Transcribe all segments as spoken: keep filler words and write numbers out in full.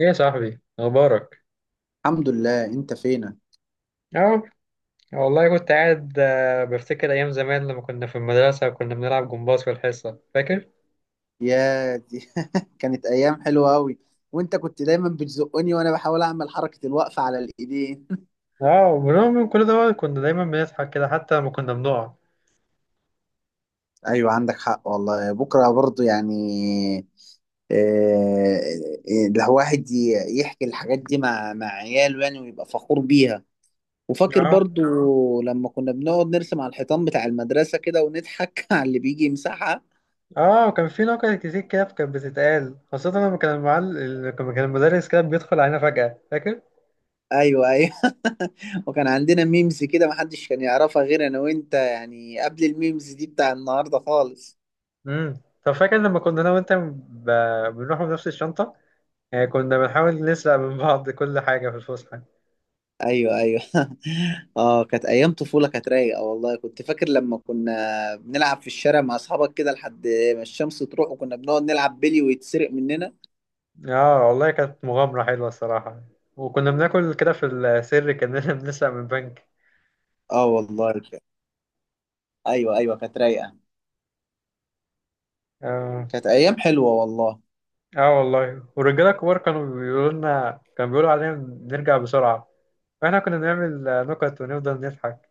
ايه يا صاحبي اخبارك؟ الحمد لله. انت فينك؟ اه. والله كنت قاعد آه، بفتكر ايام زمان لما كنا في المدرسه وكنا بنلعب جمباز في الحصه، فاكر؟ يا دي كانت ايام حلوه قوي. وانت كنت دايما بتزقني وانا بحاول اعمل حركه الوقفه على الايدين اه، وبرغم من كل ده كنا دايما بنضحك كده حتى لما كنا بنقع. ايوه، عندك حق والله، بكره برضو يعني. آه، الواحد ي- يحكي الحاجات دي مع مع عياله يعني ويبقى فخور بيها. وفاكر اه. برضو لما كنا بنقعد نرسم على الحيطان بتاع المدرسه كده ونضحك على اللي بيجي يمسحها. اه. وكان في نكت كتير كده كانت بتتقال، خاصه لما كان المعلم لما كان المدرس كده بيدخل علينا فجاه، فاكر؟ ايوه ايوه وكان عندنا ميمز كده محدش كان يعرفها غير انا وانت، يعني قبل الميمز دي بتاع النهارده خالص. امم طب فاكر لما كنا انا وانت ب... بنروح بنفس الشنطه؟ يعني كنا بنحاول نسرق من بعض كل حاجه في الفسحه. ايوه ايوه اه كانت ايام طفوله كانت رايقه والله. كنت فاكر لما كنا بنلعب في الشارع مع اصحابك كده لحد ما الشمس تروح، وكنا بنقعد نلعب بيلي ويتسرق مننا. اه، والله كانت مغامرة حلوة الصراحة. وكنا بناكل كده في السر كأننا بنسرق من بنك. اه والله ك- ايوه ايوه، كانت رايقه. اه. كانت ايام حلوه والله. اه، والله. والرجالة الكبار كانوا بيقولوا لنا كانوا بيقولوا علينا نرجع بسرعة. فاحنا كنا بنعمل آه، نكت ونفضل نضحك.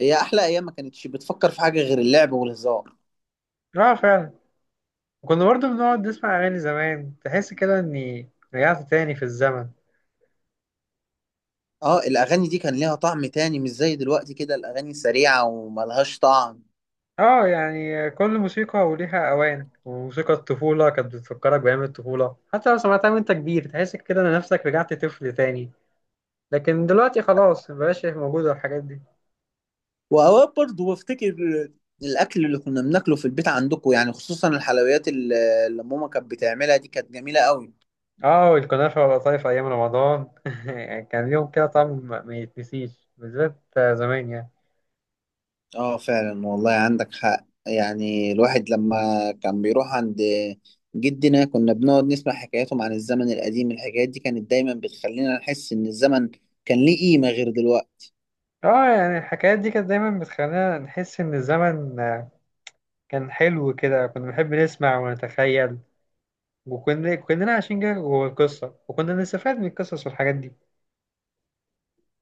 هي احلى ايام، ما كانتش بتفكر في حاجه غير اللعب والهزار. اه فعلا. وكنا برضه بنقعد نسمع أغاني زمان، تحس كده إني رجعت تاني في الزمن. اه الاغاني دي كان ليها طعم تاني، مش زي دلوقتي كده الاغاني سريعه وملهاش طعم. اه، يعني كل موسيقى وليها أوان، وموسيقى الطفولة كانت بتفكرك بأيام الطفولة. حتى لو سمعتها وأنت كبير تحس كده إن نفسك رجعت طفل تاني. لكن دلوقتي خلاص، مبقاش موجودة الحاجات دي. واوقات برضه بفتكر الاكل اللي كنا بناكله في البيت عندكم، يعني خصوصا الحلويات اللي اللي ماما كانت بتعملها دي، كانت جميله قوي. اه، الكنافة والقطايف أيام رمضان كان ليهم كده طعم ما يتنسيش، بالذات زمان يعني. اه فعلا والله، عندك حق. يعني الواحد لما كان بيروح عند جدنا كنا بنقعد نسمع حكاياتهم عن الزمن القديم. الحكايات دي كانت دايما بتخلينا نحس ان الزمن كان ليه قيمه غير دلوقتي. اه، يعني الحكايات دي كانت دايما بتخلينا نحس إن الزمن كان حلو كده. كنا بنحب نسمع ونتخيل، وكنا كلنا عايشين كده جوه القصة، وكنا بنستفاد من القصص والحاجات دي.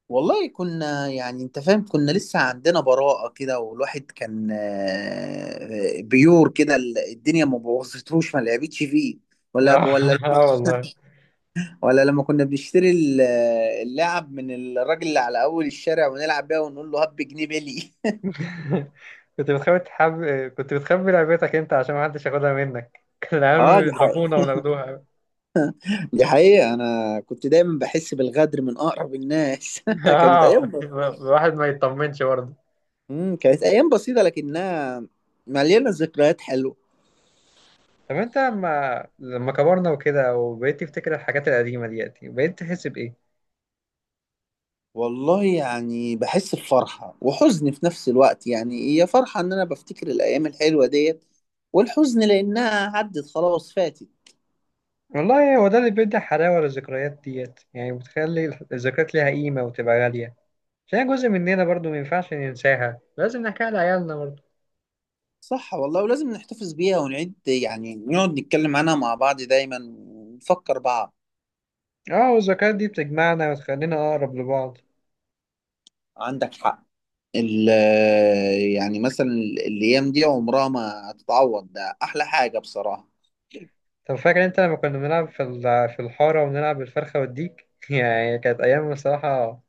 والله كنا يعني انت فاهم، كنا لسه عندنا براءة كده، والواحد كان آه، بيور كده. ال- الدنيا ما بوظتهوش ما لعبتش فيه. ولا اه. ولا اه والله. ولا لما كنا بنشتري ال- اللعب من الراجل اللي على اول الشارع ونلعب بيها ونقول له هب جنيه بلي. كنت بتخبي تحب... كنت بتخبي لعبتك انت عشان محدش ياخدها منك، كانوا اه العيال دي حقيقة. بيضربونا وناخدوها. دي حقيقة، انا كنت دايما بحس بالغدر من اقرب الناس كانت اه، ايام ب- الواحد ما يطمنش برضه. مم، كانت ايام بسيطة لكنها مليانة ذكريات حلوة. طب انت لما لما كبرنا وكده وبقيت تفتكر الحاجات القديمة ديت، بقيت تحس بإيه؟ والله يعني بحس بفرحة وحزن في نفس الوقت، يعني هي فرحة إن أنا بفتكر الأيام الحلوة ديت، والحزن لأنها عدت خلاص فاتت. والله هو ده اللي بيدي حلاوة للذكريات ديت، يعني بتخلي الذكريات ليها قيمة وتبقى غالية، عشان جزء مننا برضه ما ينفعش ننساها، لازم نحكيها لعيالنا برضه. صح والله، ولازم نحتفظ بيها ونعيد يعني نقعد نتكلم عنها مع بعض دايما ونفكر بعض. اه، والذكريات دي بتجمعنا وتخلينا أقرب لبعض. عندك حق. ال يعني مثلا الأيام دي عمرها ما هتتعوض، ده أحلى حاجة بصراحة. طب فاكر انت لما كنا بنلعب في ال- في الحارة ونلعب بالفرخة والديك؟ يعني كانت أيام بصراحة،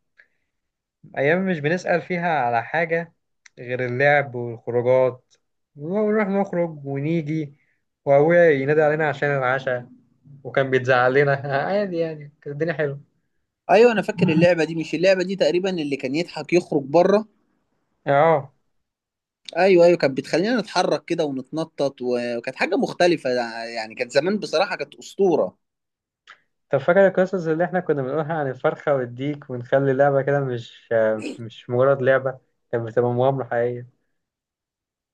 أيام مش بنسأل فيها على حاجة غير اللعب والخروجات. ونروح نخرج ونيجي وأبويا ينادي علينا عشان العشاء، وكان بيتزعل لنا عادي. يعني كانت الدنيا حلوة. أيوة أنا فاكر اللعبة دي، مش اللعبة دي تقريبا اللي كان يضحك يخرج بره. اه. ايوه ايوه، كانت بتخلينا نتحرك كده ونتنطط و- وكانت حاجه مختلفه، يعني كانت زمان بصراحه كانت اسطوره. طب فاكر القصص اللي احنا كنا بنقولها عن الفرخة والديك، ونخلي اللعبة كده مش مش مجرد لعبة، كانت بتبقى مغامرة حقيقية.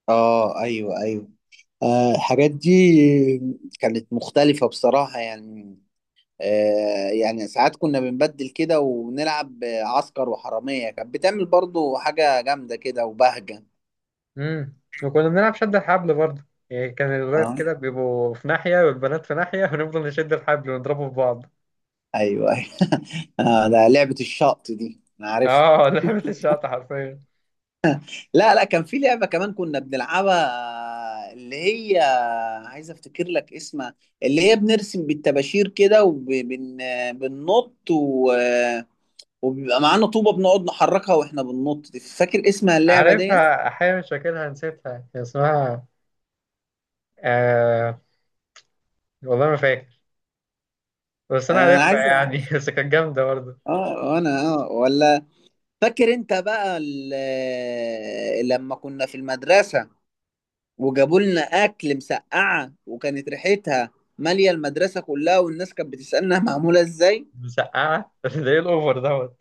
اه ايوه ايوه. آه الحاجات دي كانت مختلفه بصراحه يعني. آه يعني ساعات كنا بنبدل كده ونلعب عسكر وحراميه، كانت بتعمل برضو حاجه جامده كده وبهجه. امم. وكنا بنلعب شد الحبل برضه، يعني كان الولاد اه كده بيبقوا في ناحية والبنات في ناحية، ونفضل نشد الحبل ونضربه في بعض. ايوه ايوه آه ده لعبه الشط دي انا عارفها. اه، لعبة الشقطة حرفيا. لا لا، كان في لعبة كمان كنا بنلعبها، اللي هي عايز افتكر لك اسمها، اللي هي بنرسم بالطباشير كده وبننط و... وبيبقى معانا طوبة بنقعد نحركها واحنا بننط دي. فاكر اسمها اللعبة دي؟ عارفها أحيانا، مش فاكرها، نسيتها. كان اسمها آه والله ما فاكر، بس أنا آه عارفها عايز. يعني. بس كانت جامدة برضه. اه انا اه. ولا فاكر انت بقى ال- لما كنا في المدرسة وجابوا لنا اكل مسقعة وكانت ريحتها مالية المدرسة كلها، والناس كانت بتسألنا معمولة ازاي؟ مسقعة! ده إيه الأوفر دوت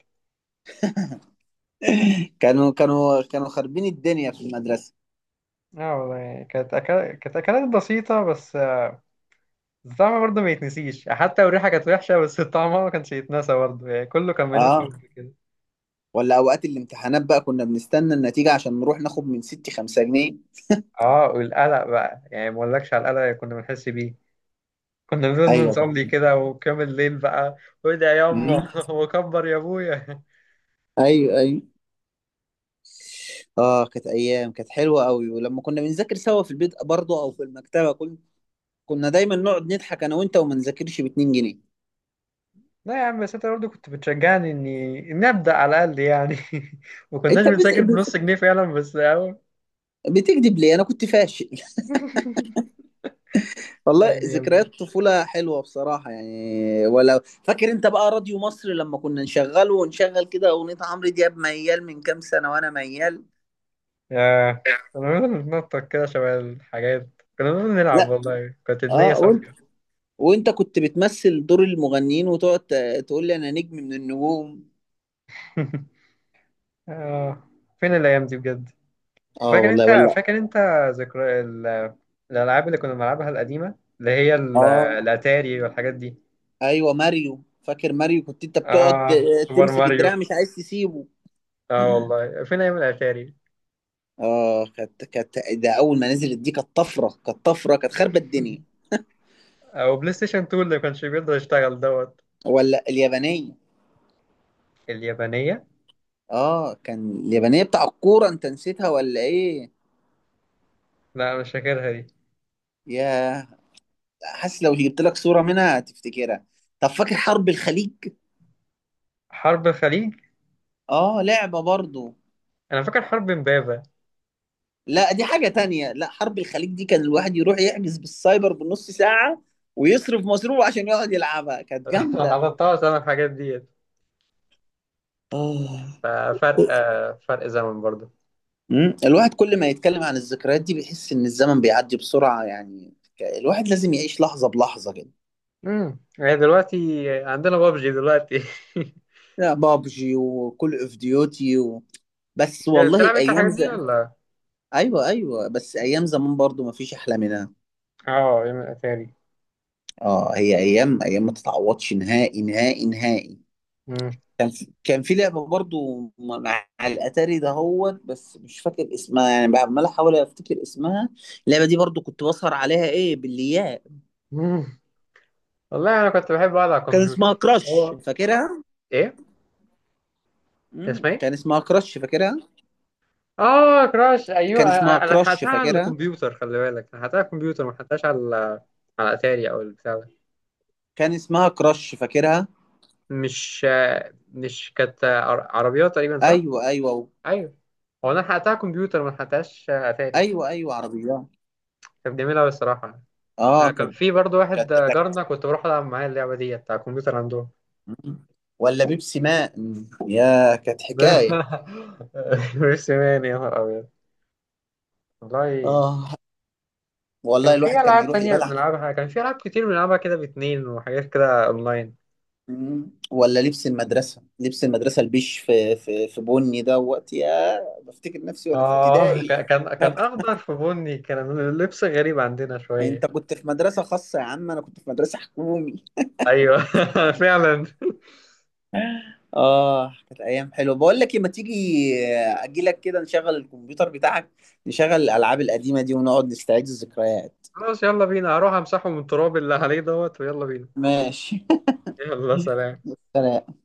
كانوا كانوا كانوا خاربين الدنيا في المدرسة. اه والله، يعني كانت أكل... كانت أكلات بسيطة، بس آه، الطعم برضه ما يتنسيش. حتى لو الريحة كانت وحشة، بس الطعم ما كانش يتنسى برضه، يعني كله كان بينهم اه حب كده. ولا اوقات الامتحانات بقى، كنا بنستنى النتيجة عشان نروح ناخد من ستي خمسة جنيه. اه، والقلق بقى، يعني ما اقولكش على القلق اللي كنا بنحس بيه. كنا بنقول ايوه نصلي ده. كده وكامل الليل بقى، وادعي يا يما مم. وكبر يا ابويا. ايوه ايوه. اه كانت ايام كانت حلوة قوي. ولما كنا بنذاكر سوا في البيت برضه او في المكتبة، كنا كنا دايما نقعد نضحك انا وانت وما نذاكرش ب اتنين جنيه. لا يا عم، بس انت برضه كنت بتشجعني اني اني ابدا على الاقل يعني. ما كناش انت بت... بنذاكر بنص بت- جنيه فعلا، بس اهو. بتكذب ليه، انا كنت فاشل. والله يعني يا ابني، ذكريات طفولة حلوة بصراحة يعني. ولو فاكر انت بقى راديو مصر لما كنا نشغله ونشغل كده اغنية عمرو دياب ميال، من كام سنة، وانا ميال. ياه، كنا بنفضل نتنطط كده شبه الحاجات، كنا بنفضل نلعب. لا والله كانت النية اه. وانت صافية. وانت كنت بتمثل دور المغنيين وتقعد ت- تقول لي انا نجم من النجوم. آه. فين الأيام دي بجد؟ اه فاكر أنت والله. ولا فاكر أنت ذكرى ال- الألعاب اللي كنا بنلعبها القديمة، اللي هي ال- اه الأتاري والحاجات دي. ايوه ماريو، فاكر ماريو كنت انت بتقعد آه، ت- سوبر تمسك الدراع ماريو. مش عايز تسيبه. آه والله، فين أيام الأتاري، اه كانت كانت، ده اول ما نزلت دي كانت طفرة، كانت طفرة، كانت خربت الدنيا. أو بلاي ستيشن اتنين اللي ما كانش بيقدر يشتغل دوت ولا اليابانية. اليابانية. اه كان اليابانية بتاع الكورة انت نسيتها ولا ايه؟ لا، مش فاكرها دي. يا حاسس لو جبت لك صورة منها هتفتكرها. طب فاكر حرب الخليج؟ حرب الخليج؟ اه لعبة برضو. أنا فاكر حرب إمبابة. لا دي حاجة تانية، لا حرب الخليج دي كان الواحد يروح يحجز بالسايبر بنص ساعة ويصرف مصروف عشان يقعد يلعبها، كانت جامدة. حضرتها بسبب الحاجات ديت، اه. ففرق آه، فرق زمن برضه. مم. الواحد كل ما يتكلم عن الذكريات دي بيحس ان الزمن بيعدي بسرعة، يعني ك- الواحد لازم يعيش لحظة بلحظة كده. امم هي دلوقتي عندنا بابجي دلوقتي. لا بابجي وكل اوف ديوتي و... بس والله بتلعب أنت ايام. الحاجات دي ولا؟ ايوه ايوه، بس ايام زمان برضو ما فيش احلى منها. اه، يوم الأتاري. اه هي ايام، ايام ما تتعوضش نهائي نهائي نهائي. امم كان في كان في لعبه برضو مع الاتاري ده هوت، بس مش فاكر اسمها، يعني عمال احاول افتكر اسمها. اللعبه دي برضو كنت بسهر عليها، ايه بالياء. أمم. والله أنا كنت بحب أقعد على كان اسمها الكمبيوتر. كراش، هو فاكرها؟ إيه؟ كان مم. اسمها إيه؟ كان اسمها كراش، فاكرها؟ آه كراش! أيوه، كان اسمها أنا أنا كراش، حقتها على فاكرها؟ الكمبيوتر، خلي بالك، أنا حقتها على الكمبيوتر، ما حقتهاش على على أتاري أو البتاع ده. كان اسمها كراش، فاكرها؟ مش مش كانت عر- عربيات تقريبا، صح؟ ايوه ايوه. ايوه. هو انا حققتها كمبيوتر، ما حققتهاش اتاري. ايوه ايوه عربيات. كانت جميله أوي الصراحه يعني. آه، اه كان كانت في برضو واحد كانت. جارنا كنت بروح العب معاه اللعبه دي بتاع الكمبيوتر عندهم. مم. ولا بيبسي ماء. مم. يا كانت حكاية. ميرسي مان، يا نهار ابيض والله. اه كان والله في الواحد كان العاب يروح تانية يبدع. بنلعبها، كان في العاب كتير بنلعبها كده باتنين، وحاجات كده اونلاين. مم. ولا لبس المدرسة، لبس المدرسة البيش في في في بني، ده وقت يا بفتكر نفسي وانا في اه، ابتدائي. ك- كان كان اخضر في بني، كان اللبس غريب عندنا شويه. انت كنت في مدرسة خاصة يا عم، انا كنت في مدرسة حكومي. ايوه. فعلا. اه كانت ايام حلوه. بقول لك إيه، ما تيجي اجي لك كده نشغل الكمبيوتر بتاعك، نشغل الالعاب القديمه دي ونقعد نستعيد الذكريات. خلاص يلا بينا، هروح امسحه من التراب اللي عليه دوت ويلا بينا. ماشي. يلا، سلام. سلام.